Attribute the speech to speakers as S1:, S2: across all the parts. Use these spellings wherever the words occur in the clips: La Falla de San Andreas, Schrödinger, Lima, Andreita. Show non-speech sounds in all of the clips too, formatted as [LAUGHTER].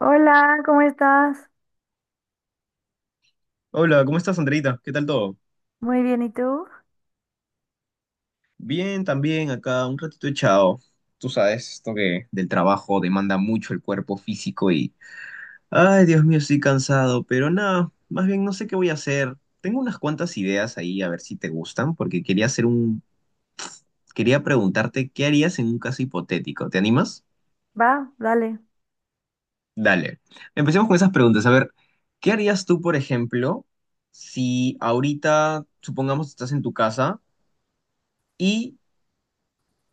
S1: Hola, ¿cómo estás?
S2: Hola, ¿cómo estás, Andreita? ¿Qué tal todo?
S1: Muy bien, ¿y tú?
S2: Bien, también acá un ratito echado. Tú sabes, esto que del trabajo demanda mucho el cuerpo físico y... Ay, Dios mío, estoy cansado, pero nada, más bien no sé qué voy a hacer. Tengo unas cuantas ideas ahí, a ver si te gustan, porque quería hacer un... Quería preguntarte qué harías en un caso hipotético. ¿Te animas?
S1: Va, dale.
S2: Dale. Empecemos con esas preguntas. A ver, ¿qué harías tú, por ejemplo, si ahorita, supongamos, estás en tu casa y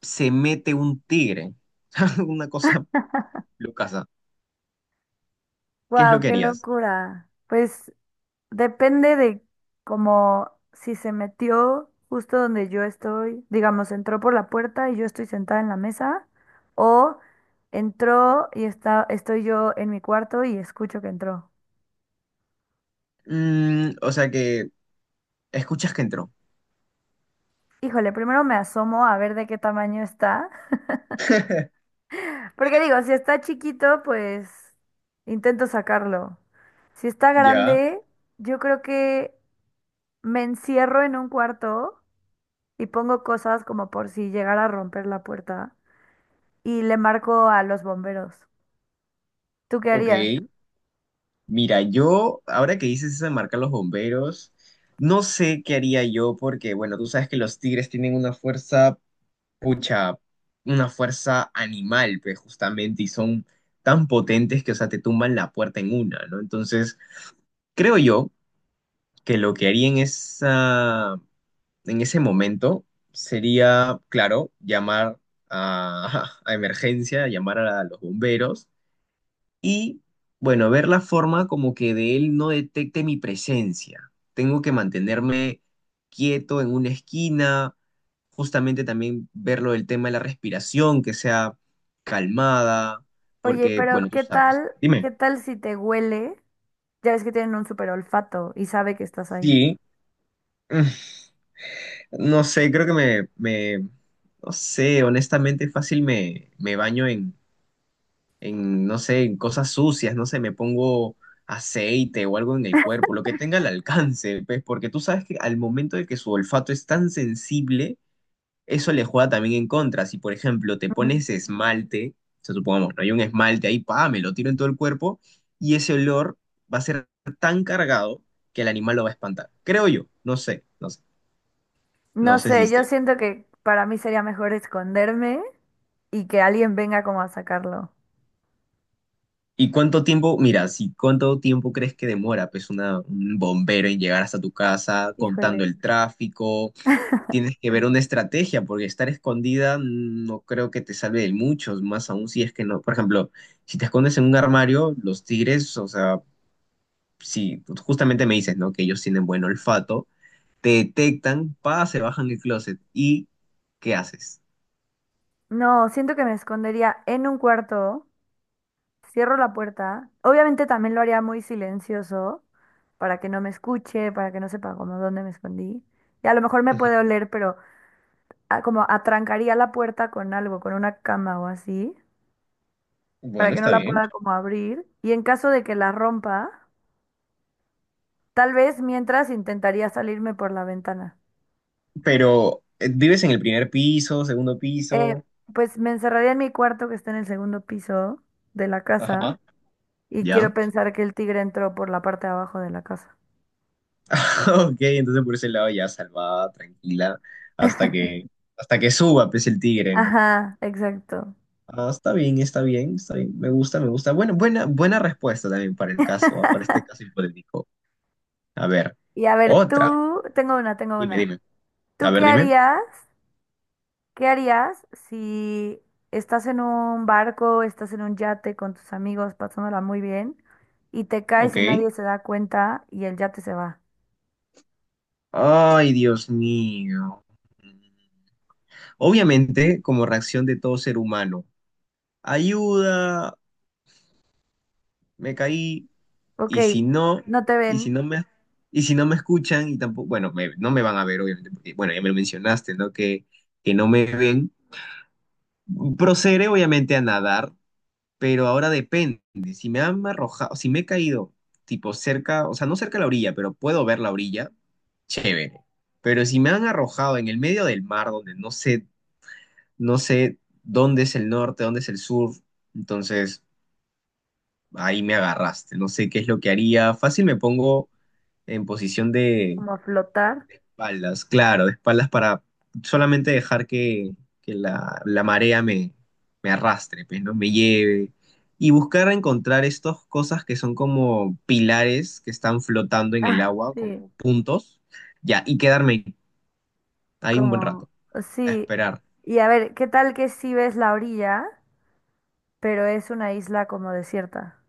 S2: se mete un tigre. [LAUGHS] Una cosa lucasa. ¿Qué es lo
S1: Wow,
S2: que
S1: qué
S2: harías?
S1: locura. Pues depende de como si se metió justo donde yo estoy, digamos, entró por la puerta y yo estoy sentada en la mesa, o estoy yo en mi cuarto y escucho que entró.
S2: Mm, o sea que escuchas que entró.
S1: Híjole, primero me asomo a ver de qué tamaño está, porque digo, si está chiquito, pues intento sacarlo. Si está
S2: Ya,
S1: grande, yo creo que me encierro en un cuarto y pongo cosas como por si llegara a romper la puerta y le marco a los bomberos. ¿Tú qué harías?
S2: ok. Mira, yo, ahora que dices eso de marcar los bomberos, no sé qué haría yo porque, bueno, tú sabes que los tigres tienen una fuerza, pucha, una fuerza animal, pues justamente, y son tan potentes que, o sea, te tumban la puerta en una, ¿no? Entonces, creo yo que lo que haría en esa, en ese momento sería, claro, llamar a, [LAUGHS] a emergencia, llamar a los bomberos y, bueno, ver la forma como que de él no detecte mi presencia. Tengo que mantenerme quieto en una esquina, justamente también ver lo del tema de la respiración, que sea calmada,
S1: Oye,
S2: porque, bueno,
S1: pero
S2: tú
S1: ¿qué
S2: sabes.
S1: tal?
S2: Dime.
S1: ¿Qué tal si te huele? Ya ves que tienen un super olfato y sabe que estás ahí.
S2: Sí. [LAUGHS] No sé, creo que no sé, honestamente fácil me baño en, no sé, en cosas sucias, no sé, me pongo aceite o algo en el cuerpo, lo que tenga al alcance, pues, porque tú sabes que al momento de que su olfato es tan sensible, eso le juega también en contra. Si, por ejemplo, te
S1: Ujú.
S2: pones esmalte, o sea, supongamos, no hay un esmalte ahí, pa, me lo tiro en todo el cuerpo, y ese olor va a ser tan cargado que el animal lo va a espantar. Creo yo, no sé, no sé,
S1: No
S2: no sé si
S1: sé, yo siento que para mí sería mejor esconderme y que alguien venga como a sacarlo.
S2: ¿Y cuánto tiempo, mira, si cuánto tiempo crees que demora, pues, una, un bombero en llegar hasta tu casa, contando
S1: Híjole.
S2: el tráfico? Tienes que ver una estrategia, porque estar escondida no creo que te salve de muchos, más aún si es que no. Por ejemplo, si te escondes en un armario, los tigres, o sea, si justamente me dices, ¿no? Que ellos tienen buen olfato, te detectan, pa, se bajan el closet. ¿Y qué haces?
S1: No, siento que me escondería en un cuarto. Cierro la puerta. Obviamente también lo haría muy silencioso para que no me escuche, para que no sepa como dónde me escondí. Y a lo mejor me
S2: Ujú.
S1: puede oler, pero como atrancaría la puerta con algo, con una cama o así, para
S2: Bueno,
S1: que no
S2: está
S1: la
S2: bien.
S1: pueda como abrir. Y en caso de que la rompa, tal vez mientras intentaría salirme por la ventana.
S2: Pero, ¿vives en el primer piso, segundo
S1: Eh,
S2: piso?
S1: pues me encerraría en mi cuarto que está en el segundo piso de la casa
S2: Ajá.
S1: y
S2: ¿Ya?
S1: quiero
S2: [LAUGHS]
S1: pensar que el tigre entró por la parte de abajo de la casa.
S2: Ok, entonces por ese lado ya salvada, tranquila, hasta que, hasta que suba, pues, el tigre, ¿no?
S1: Ajá, exacto.
S2: Ah, está bien, está bien, está bien, me gusta, me gusta. Bueno, buena, buena respuesta también para el caso, para este caso hipotético. A ver,
S1: Y a ver,
S2: otra.
S1: tú, tengo
S2: Dime,
S1: una.
S2: dime. A
S1: ¿Tú
S2: ver,
S1: qué
S2: dime.
S1: harías? ¿Qué harías si estás en un barco, estás en un yate con tus amigos, pasándola muy bien, y te caes
S2: Ok.
S1: y nadie se da cuenta y el yate se va?
S2: Ay, Dios mío. Obviamente, como reacción de todo ser humano, ayuda, me caí,
S1: Ok,
S2: y si no,
S1: no te
S2: y si
S1: ven,
S2: no me, y si no me escuchan y tampoco, bueno, no me van a ver, obviamente, porque, bueno, ya me lo mencionaste, ¿no? Que no me ven. Procederé, obviamente, a nadar, pero ahora depende. Si me han arrojado, si me he caído, tipo cerca, o sea, no cerca de la orilla, pero puedo ver la orilla, chévere. Pero si me han arrojado en el medio del mar, donde no sé, no sé dónde es el norte, dónde es el sur, entonces ahí me agarraste. No sé qué es lo que haría. Fácil me pongo en posición de
S1: como flotar.
S2: espaldas, claro, de espaldas para solamente dejar que la marea me arrastre, pues, ¿no? Me lleve. Y buscar encontrar estas cosas que son como pilares que están flotando en el
S1: Ah,
S2: agua,
S1: sí,
S2: como puntos, ya, y quedarme ahí un buen
S1: como,
S2: rato, a
S1: sí.
S2: esperar.
S1: Y a ver, ¿qué tal que sí ves la orilla, pero es una isla como desierta?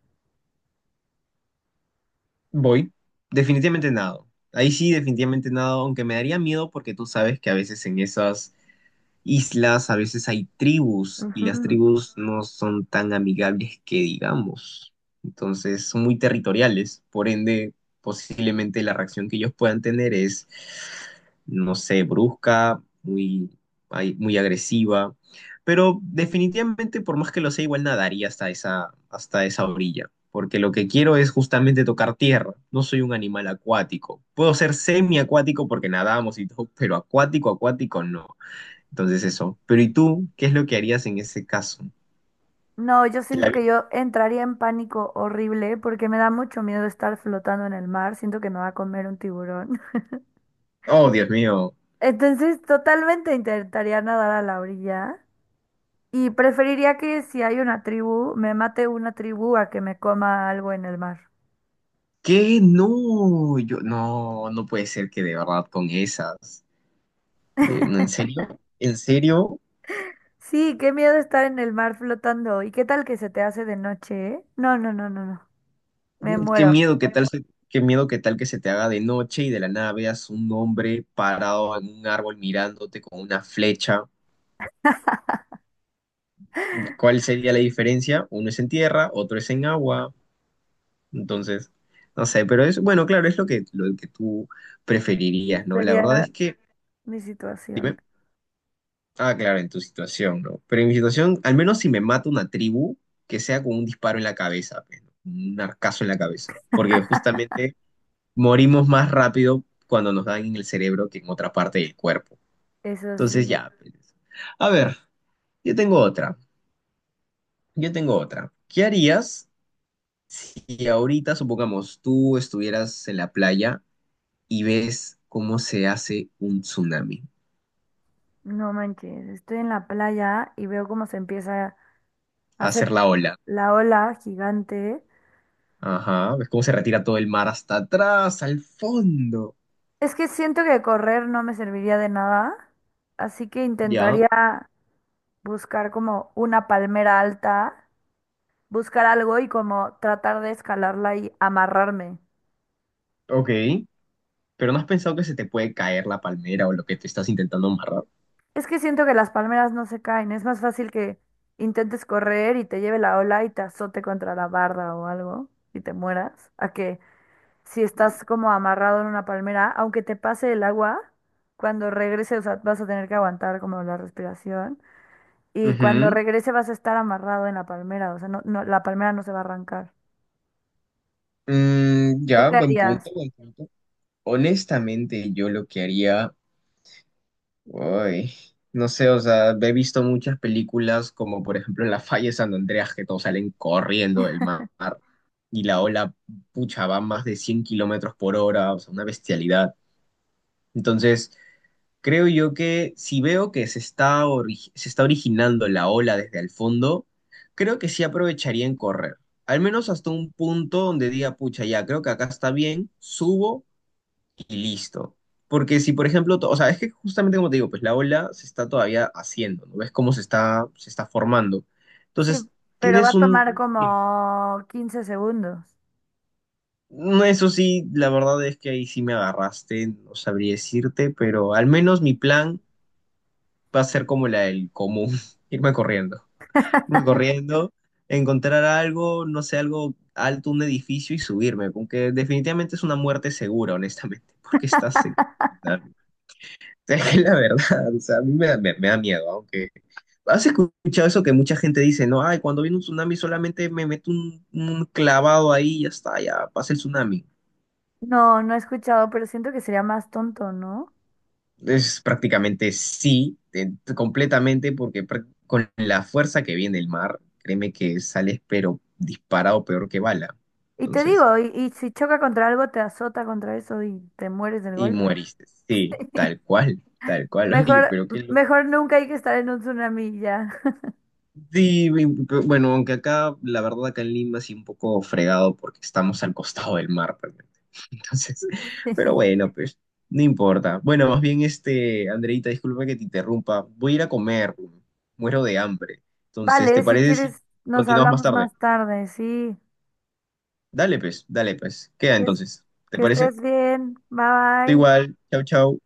S2: Voy. Definitivamente nado. Ahí sí, definitivamente nado, aunque me daría miedo porque tú sabes que a veces en esas islas, a veces hay tribus y las
S1: Ujú.
S2: tribus no son tan amigables que digamos. Entonces son muy territoriales, por ende posiblemente la reacción que ellos puedan tener es, no sé, brusca, muy, ay, muy agresiva, pero definitivamente por más que lo sea igual nadaría hasta esa orilla. Porque lo que quiero es justamente tocar tierra. No soy un animal acuático. Puedo ser semiacuático porque nadamos y todo, pero acuático, acuático no. Entonces eso. Pero ¿y tú? ¿Qué es lo que harías en ese caso?
S1: No, yo
S2: La
S1: siento
S2: vi-
S1: que yo entraría en pánico horrible porque me da mucho miedo estar flotando en el mar. Siento que me va a comer un tiburón. [LAUGHS]
S2: Oh, Dios mío.
S1: Entonces, totalmente intentaría nadar a la orilla y preferiría que si hay una tribu, me mate una tribu a que me coma algo en el mar.
S2: ¿Qué? No, yo no, no puede ser que de verdad con esas. De, no, ¿en
S1: [LAUGHS]
S2: serio? ¿En serio?
S1: Sí, qué miedo estar en el mar flotando. ¿Y qué tal que se te hace de noche? No, no, no, no, no. Me
S2: Qué
S1: muero.
S2: miedo, qué miedo, qué tal que se te haga de noche y de la nada veas un hombre parado en un árbol mirándote con una flecha.
S1: [LAUGHS]
S2: ¿Cuál sería la diferencia? Uno es en tierra, otro es en agua. Entonces, no sé, pero es, bueno, claro, es lo que tú preferirías, ¿no? La verdad
S1: Sería
S2: es que...
S1: mi situación.
S2: Ah, claro, en tu situación, ¿no? Pero en mi situación, al menos si me mata una tribu, que sea con un disparo en la cabeza, pues, ¿no? Un arcazo en la cabeza. Porque justamente morimos más rápido cuando nos dan en el cerebro que en otra parte del cuerpo.
S1: Eso
S2: Entonces,
S1: sí.
S2: ya, pues. A ver, yo tengo otra. Yo tengo otra. ¿Qué harías si ahorita, supongamos, tú estuvieras en la playa y ves cómo se hace un tsunami?
S1: No manches, estoy en la playa y veo cómo se empieza hacer
S2: Hacer la ola.
S1: la ola gigante.
S2: Ajá, ves cómo se retira todo el mar hasta atrás, al fondo.
S1: Es que siento que correr no me serviría de nada, así que
S2: Ya,
S1: intentaría buscar como una palmera alta, buscar algo y como tratar de escalarla y amarrarme.
S2: ok. Pero no has pensado que se te puede caer la palmera o lo que te estás intentando amarrar.
S1: Es que siento que las palmeras no se caen, es más fácil que intentes correr y te lleve la ola y te azote contra la barda o algo y te mueras, a que si estás como amarrado en una palmera, aunque te pase el agua, cuando regreses, o sea, vas a tener que aguantar como la respiración. Y cuando
S2: Ujú.
S1: regrese vas a estar amarrado en la palmera, o sea, no, no, la palmera no se va a arrancar.
S2: Mm,
S1: ¿Tú
S2: ya,
S1: qué
S2: buen punto,
S1: harías?
S2: buen punto. Honestamente, yo lo que haría, uy, no sé, o sea, he visto muchas películas como por ejemplo en La Falla de San Andreas que todos salen corriendo del mar y la ola, pucha, va a más de 100 km/h, o sea, una bestialidad. Entonces... Creo yo que si veo que se está, se está originando la ola desde el fondo, creo que sí aprovecharía en correr. Al menos hasta un punto donde diga, pucha, ya, creo que acá está bien, subo y listo. Porque si, por ejemplo, o sea, es que justamente como te digo, pues la ola se está todavía haciendo, ¿no? ¿Ves cómo se está formando?
S1: Sí,
S2: Entonces,
S1: pero va a
S2: tienes
S1: tomar
S2: un... Tiempo.
S1: como 15 segundos.
S2: No, eso sí, la verdad es que ahí sí me agarraste, no sabría decirte, pero al menos mi plan va a ser como la del común, [LAUGHS] irme corriendo, irme corriendo, encontrar algo, no sé, algo alto, un edificio y subirme, aunque definitivamente es una muerte segura, honestamente, [LAUGHS] porque estás en...
S1: [LAUGHS]
S2: [LAUGHS] Es la verdad, o sea, a mí me da, me da miedo, aunque... ¿Has escuchado eso que mucha gente dice, no, ay, cuando viene un tsunami solamente me meto un clavado ahí y ya está, ya pasa el tsunami?
S1: No, no he escuchado, pero siento que sería más tonto, ¿no?
S2: Es prácticamente sí, completamente, porque con la fuerza que viene el mar, créeme que sales pero disparado peor que bala.
S1: Y te
S2: Entonces,
S1: digo, y si choca contra algo, te azota contra eso y te mueres del
S2: y
S1: golpe.
S2: mueriste. Sí,
S1: [LAUGHS]
S2: tal cual, tal cual. [LAUGHS] Oye,
S1: Mejor,
S2: pero qué,
S1: mejor nunca hay que estar en un tsunami ya.
S2: sí, bueno, aunque acá, la verdad, acá en Lima sí un poco fregado porque estamos al costado del mar, realmente. [LAUGHS] Entonces, pero
S1: [LAUGHS]
S2: bueno, pues, no importa. Bueno, más bien, este, Andreita, disculpa que te interrumpa. Voy a ir a comer, muero de hambre. Entonces,
S1: Vale,
S2: ¿te
S1: si
S2: parece si
S1: quieres, nos
S2: continuamos más
S1: hablamos
S2: tarde?
S1: más tarde, sí.
S2: Dale, pues, dale, pues. Queda
S1: Que, es-
S2: entonces. ¿Te
S1: que
S2: parece?
S1: estés bien. Bye bye.
S2: Igual, chau, chau.